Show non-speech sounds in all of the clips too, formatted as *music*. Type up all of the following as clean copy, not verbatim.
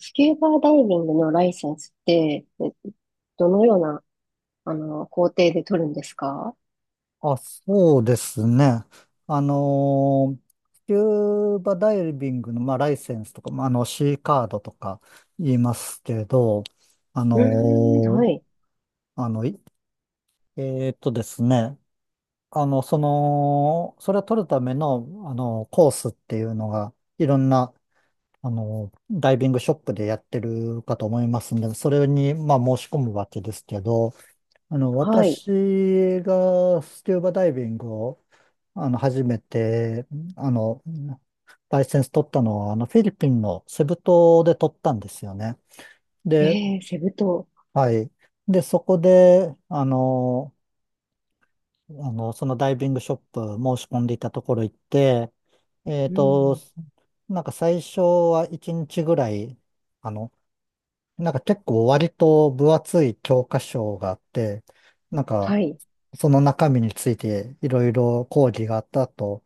スキューバダイビングのライセンスって、どのような、工程で取るんですか？あ、そうですね。あのースキューバダイビングの、まあ、ライセンスとか、まあ、C カードとか言いますけど、あのうーん、ーはい、あの、いえーっとですね、それを取るための、コースっていうのが、いろんな、ダイビングショップでやってるかと思いますんで、それに、まあ、申し込むわけですけど、はい。私がスキューバダイビングを初めて、あの、ライセンス取ったのは、フィリピンのセブ島で取ったんですよね。で、えー、セブ島。はい。で、そこで、そのダイビングショップ申し込んでいたところ行って、えっうと、ん、なんか最初は1日ぐらい、あの、なんか結構割と分厚い教科書があって、なんかはい。その中身についていろいろ講義があった後、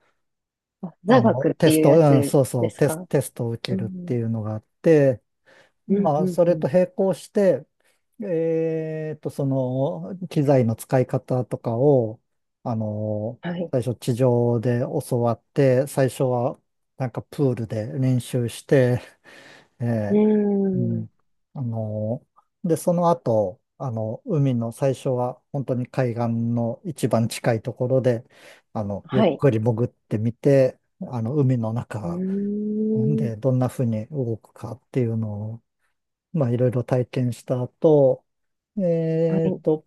あ、座学っテてスいうト、やうん、つそうそでう、すか？テストを受うけるってん、いうのがあって、うん、まあ、うん、そうれとん。並行して、機材の使い方とかを、あの、はい。最初地上で教わって、最初はなんかプールで練習して、えうーえ、うん、ん。あの、で、その後、海の最初は本当に海岸の一番近いところで、ゆっはい。くり潜ってみて、海のう中ほんーん、でどんな風に動くかっていうのを、まあ、いろいろ体験した後、はえーい、と、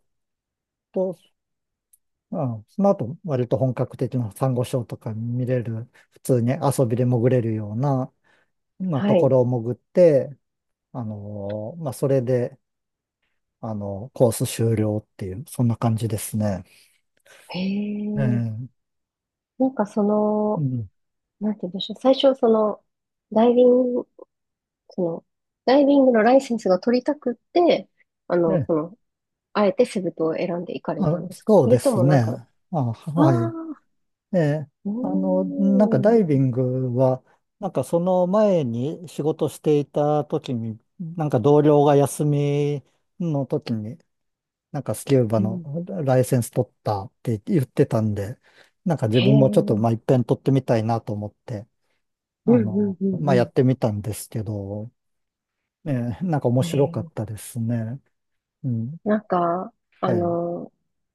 と、うん、その後、割と本格的なサンゴ礁とか見れる、普通に遊びで潜れるような、まあ、はとこい。ろを潜って、まあ、それで、コース終了っていう、そんな感じですね。へええ、え、なんかそうの、ん。なんて言うんでしょう。最初、その、ダイビングその、ダイビングのライセンスが取りたくって、え、その、あえてセブ島を選んで行かれたんあ、ですか？そうそでれとすもなんか、ね。あ、あはい。あ、えうーなんかダん、イビングは、なんかその前に仕事していた時に、なんか同僚が休みの時に、なんかスキューバうのん、ライセンス取ったって言ってたんで、なんか自へ分え、もちょっと、うまあ、ん一遍取ってみたいなと思って、うんまあ、うやんってみたんですけど、ええ、なんか面うん。白へかっえ、たですね。うん。なんか、あはい。の、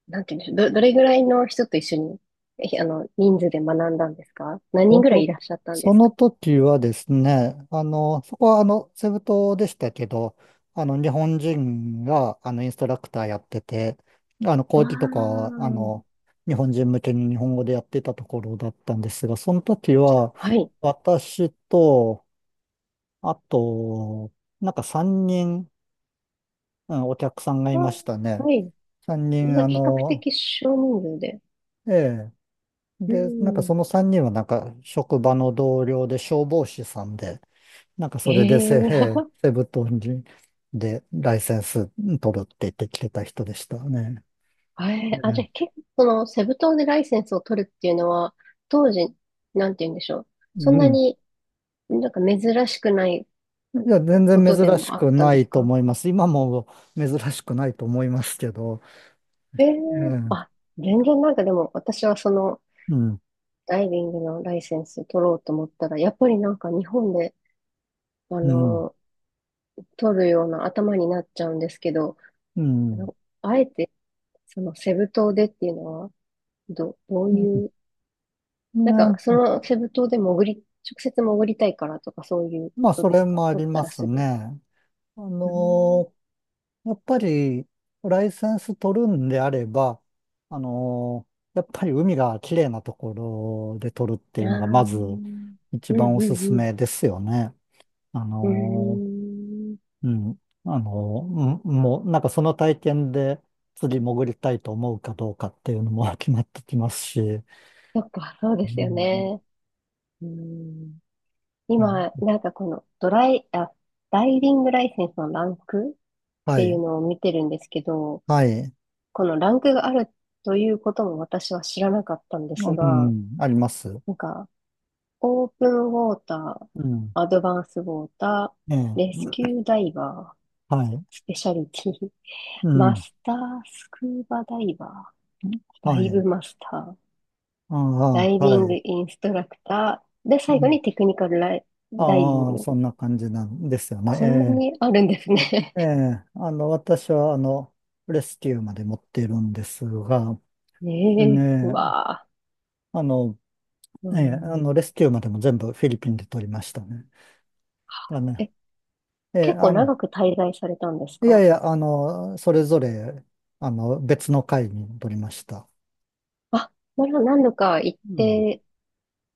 なんていうんでしょう、どれぐらいの人と一緒に、えひあの、人数で学んだんですか？何そ人ぐらいいの、らっしゃったんでそすのか？時はですね、そこはセブ島でしたけど、日本人が、インストラクターやってて、ああ講義とかは、ー、日本人向けに日本語でやってたところだったんですが、その時は、はい。私と、あと、なんか3人、うん、お客さんがあいましたーね。はい。3みん人、な比較的少人数で。ええ、うで、なんかそん。の3人はなんか職場の同僚で消防士さんで、なんかえそれでえ。 *laughs* セブ島でライセンス取るって言ってきてた人でしたね。じゃね。あ結構、その、セブ島でライセンスを取るっていうのは、当時、なんて言うんでしょう。そうんなん。になんか珍しくないいや、全こ然とで珍しもあっくたんなでいすとか？思います。今も珍しくないと思いますけど。ええ、あ、ええ。全然なんかでも、私はその、うん。ダイビングのライセンス取ろうと思ったら、やっぱりなんか日本で、あうん。の、取るような頭になっちゃうんですけど、うん。うあん。のあえて、その、セブ島でっていうのは、どううん。いうなんか、そね。のセブ島で潜り、直接潜りたいからとかそういうまこあ、とそでれすか？もあ取りったまらすすぐ。ね。あうん。のやっぱり、ライセンス取るんであれば、やっぱり海が綺麗なところで取るっていああ、うのが、うまずん一う番おんすすうん。めですよね。あうーのん。うん。あのうん、もう、なんかその体験で釣り潜りたいと思うかどうかっていうのも *laughs* 決まってきますし。うそっか、そうですよん。ね。うん。う今、ん。なんかこのドライ、あ、ダイビングライセンスのランクっはていうい。のを見てるんですけど、はい。このランクがあるということも私は知らなかったんですうが、ん。あります。なんかオープンウォーター、うん。アドバンスウォータえー、レえ。スキューダイバー、はい。スペシャリティ、うマん。スタースクーバダイバー、ダはイブい。マスター、あダイあ、ビはングい。インストラクター、で、う最後ん。にテクニカルダイビンああ、グ。そんな感じなんですよこんなね。にあるんですね。ええ、ええ、私は、レスキューまで持っているんですが、*laughs* ねえ、うねえ、わあ。あの、うええ、ん。レスキューまでも全部フィリピンで取りましたね。だね、え、ええ、結構長く滞在されたんですいやいか？や、それぞれ、別の会に取りました。あ、なら何度か行っうん。て、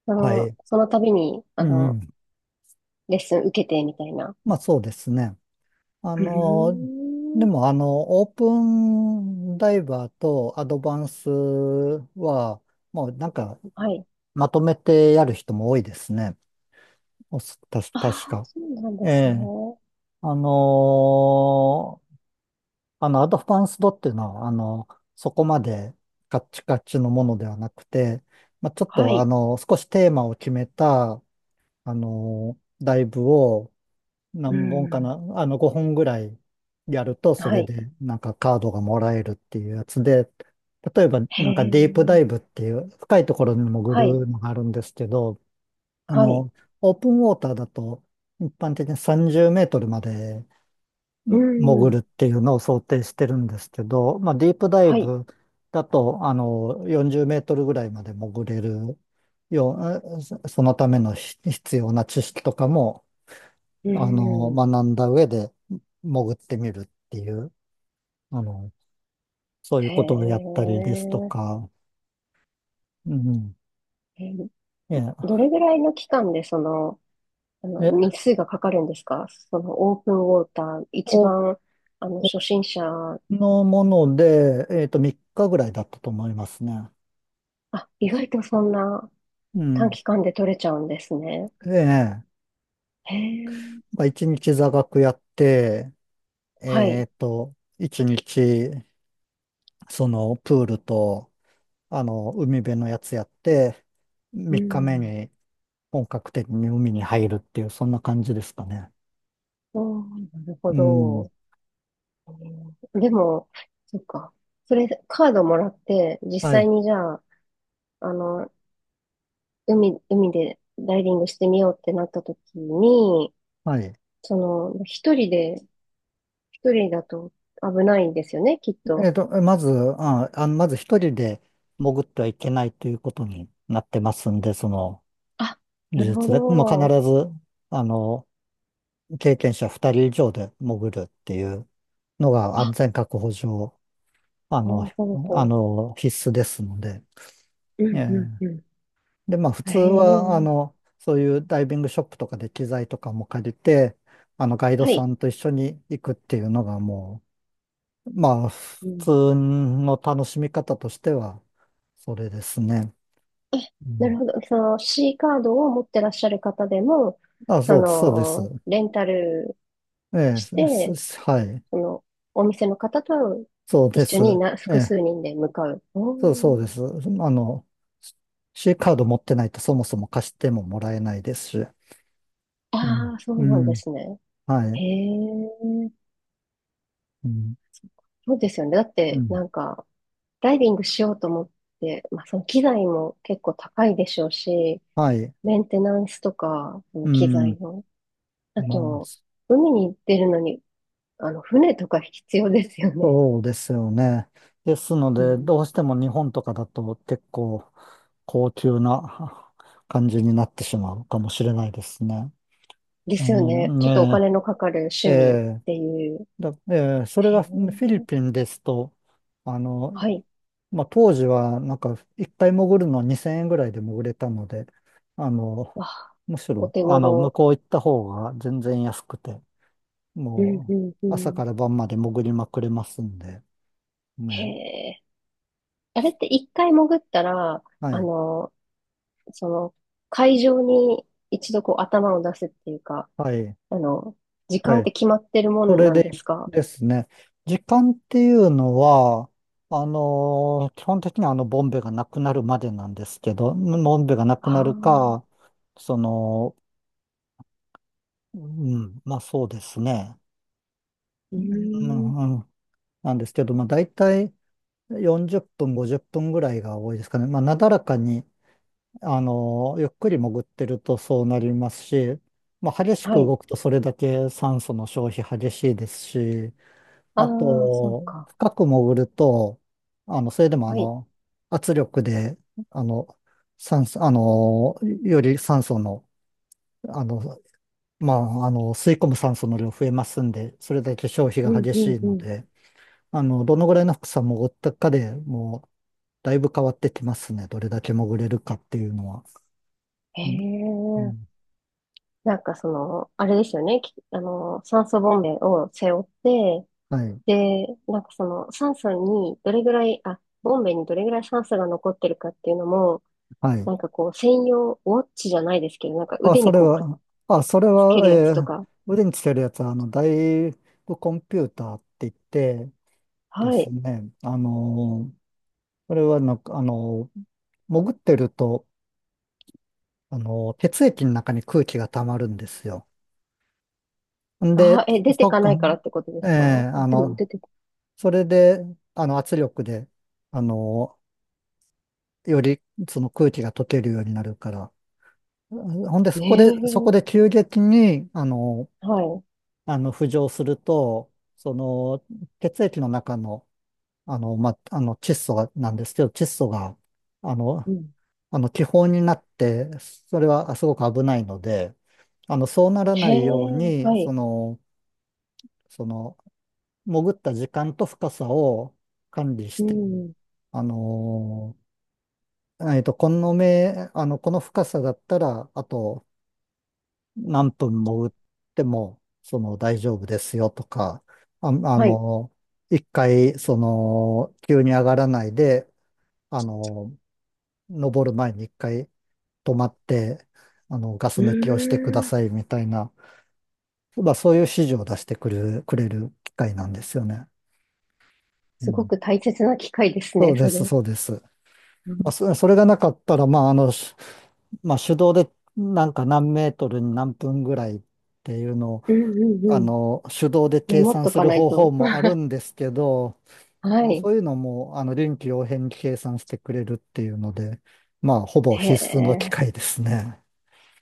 あはの、い。その度に、あうん。うの、ん。レッスン受けてみたいな。まあ、そうですね。あうの、でーん。もオープンダイバーとアドバンスは、もうなんかはい。まとめてやる人も多いですね。おす、たし、あ確あ、か。そうなんでえすね。え。あのーアドバンスドっていうのは、そこまでカッチカチのものではなくて、まあ、ちょっはと、い。少しテーマを決めた、ライブをうー何本かん。な、5本ぐらいやると、そはれい。で、なんかカードがもらえるっていうやつで、例えば、へなんかディープダえ。イブっていう、深いところに潜はい。るのがあるんですけど、あはい。の、オープンウォーターだと、一般的に30メートルまでうー潜るん。っていうのを想定してるんですけど、まあ、ディープダイはい。ブだと、40メートルぐらいまで潜れるよう、そのための必要な知識とかも、うーん。学んだ上で潜ってみるっていう、あの、そういうへことをやったりですとえ。か、うん。えー、えどれぐらいの期間でその、あの、え、え、日数がかかるんですか？そのオープンウォーター、一お、お番、あの、初心者、のもので、3日ぐらいだったと思いますね。あ、意外とそんなう短ん。期間で取れちゃうんですね。ええ。へえ。まあ、一日座学やって、はい。一日、プールと、海辺のやつやって、う三日目ん。に本格的に海に入るっていう、そんな感じですかね。おー、なるほうん。ど。でも、そっか。それ、カードもらって、実は際い。にじゃあ、あの、海でダイビングしてみようってなった時に、はい。その、一人だと危ないんですよね、きっと。まず、まず一人で潜ってはいけないということになってますんで、あ、な技るほ術で、もう必ど。ず、あの、経験者二人以上で潜るっていう、のが安あ、全確保上、あほの、うほうほ必須ですので。う。うえんえ、うんうん。で、まあ、普へ通は、え、そういうダイビングショップとかで機材とかも借りて、ガイドはさい。んと一緒に行くっていうのがもう、まあ、普うん。通の楽しみ方としては、それですね。うなるん、ほど。その C カードを持ってらっしゃる方でも、あ、そそうです、そうでの、す。レンタルええ、して、はい。その、お店の方とそうで一緒にす。な、え複え、数人で向かう。おそう、そうー。です。C カード持ってないとそもそも貸してももらえないですし。うん。ああ、そううなんでん。すね。はへい。え、うん。そうですよね。だっうて、ん。なんか、ダイビングしようと思って、まあ、その機材も結構高いでしょうし、はい。メンテナンスとか、そのう機材ん。の。あまあ、と、海に出るのに、あの、船とか必要ですよね。そうですよね。ですのうで、ん。どうしても日本とかだと結構高級な感じになってしまうかもしれないですね。でえすよね。ーちょっとおね金のかかるえ、趣味っえーていう。だ、ええ、それへがえ、フィリピンですと、あの、はい。まあ、当時はなんか一回潜るの2000円ぐらいで潜れたので、あの、わあ、むしおろ、手向頃。こう行った方が全然安くて、うんもうんうう、朝かん。ら晩まで潜りまくれますんで、へね。え。あれって一回潜ったら、はあい。の、その、海上に一度こう頭を出すっていうか、はい。あの、時は間っい。て決まってるもそんれなんでですか？ですね、時間っていうのは、基本的にはボンベがなくなるまでなんですけど、ボンベがなくはなるか、あ。その、うん、まあ、そうですね。ううん、ーん。うん、なんですけど、まあ大体40分、50分ぐらいが多いですかね。まあ、なだらかに、ゆっくり潜ってるとそうなりますし、まあ、激しはくい。動くとそれだけ酸素の消費激しいですし、あああ、そうと、か。深く潜ると、それでもはい。圧力で、あの、酸素、あの、より酸素の、あの、吸い込む酸素の量増えますんで、それだけ消費うがん激うしんいうのん。で、どのぐらいの深さ潜ったかでもう、だいぶ変わってきますね。どれだけ潜れるかっていうのは。へうん。うえ。ん。なんかその、あれですよね。きあの、酸素ボンベを背負って、はい。で、なんかその、酸素にどれぐらい、あ、ボンベにどれぐらい酸素が残ってるかっていうのも、はい。なんかこう、専用、ウォッチじゃないですけど、なんかあ、腕そにれこうくっは、あ、それつけるは、やつえとーか。腕につけるやつは、大部コンピューターって言ってではすい。ね、それはなんか、潜ってると、血液の中に空気が溜まるんですよ。んで、あー、え、出てそっかなか、いからってことでええ、すか？あ、あでもの、出て、それで、圧力で、あのより、その空気が溶けるようになるから、ほんで、そこで、そこねで急激に、え、はい。浮上すると、血液の中の、窒素が、なんですけど、窒素が、あの、うん。気泡になって、それはすごく危ないので、そうならへないようえ、に、はい。その、潜った時間と深さを管理しうて、ん。あの、えっと、この目、あの、この深さだったら、あと、何分潜っても、大丈夫ですよとか、あ、あはい。の、一回、急に上がらないで、あの、登る前に一回止まって、ガスう抜きをしてくだーん。さいみたいな、まあ、そういう指示を出してくる、くれる機会なんですよね。うすごん、く大切な機会ですそうね、でそす、れ。そうです。まうあ、ん、それがなかったら、まあ、まあ、手動でなんか何メートルに何分ぐらいっていうのをうん、うんうん。手動でメ計モっ算とすかるない方法と。もあるんですけど、*laughs* はもうい。そういうのも、臨機応変に計算してくれるっていうので、まあ、ほぼへ必須の機え。械ですね。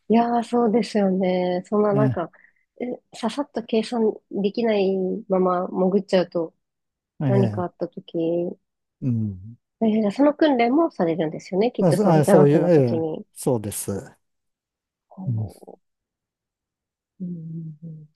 いやー、そうですよね。そんななんね、か、えささっと計算できないまま潜っちゃうと、え何かあえ、った時、うん。じゃあその訓練もされるんですよね？きまっあ、とそそのあ座そうい学う、のえ時え、に。そうです。うん。こううんうんうん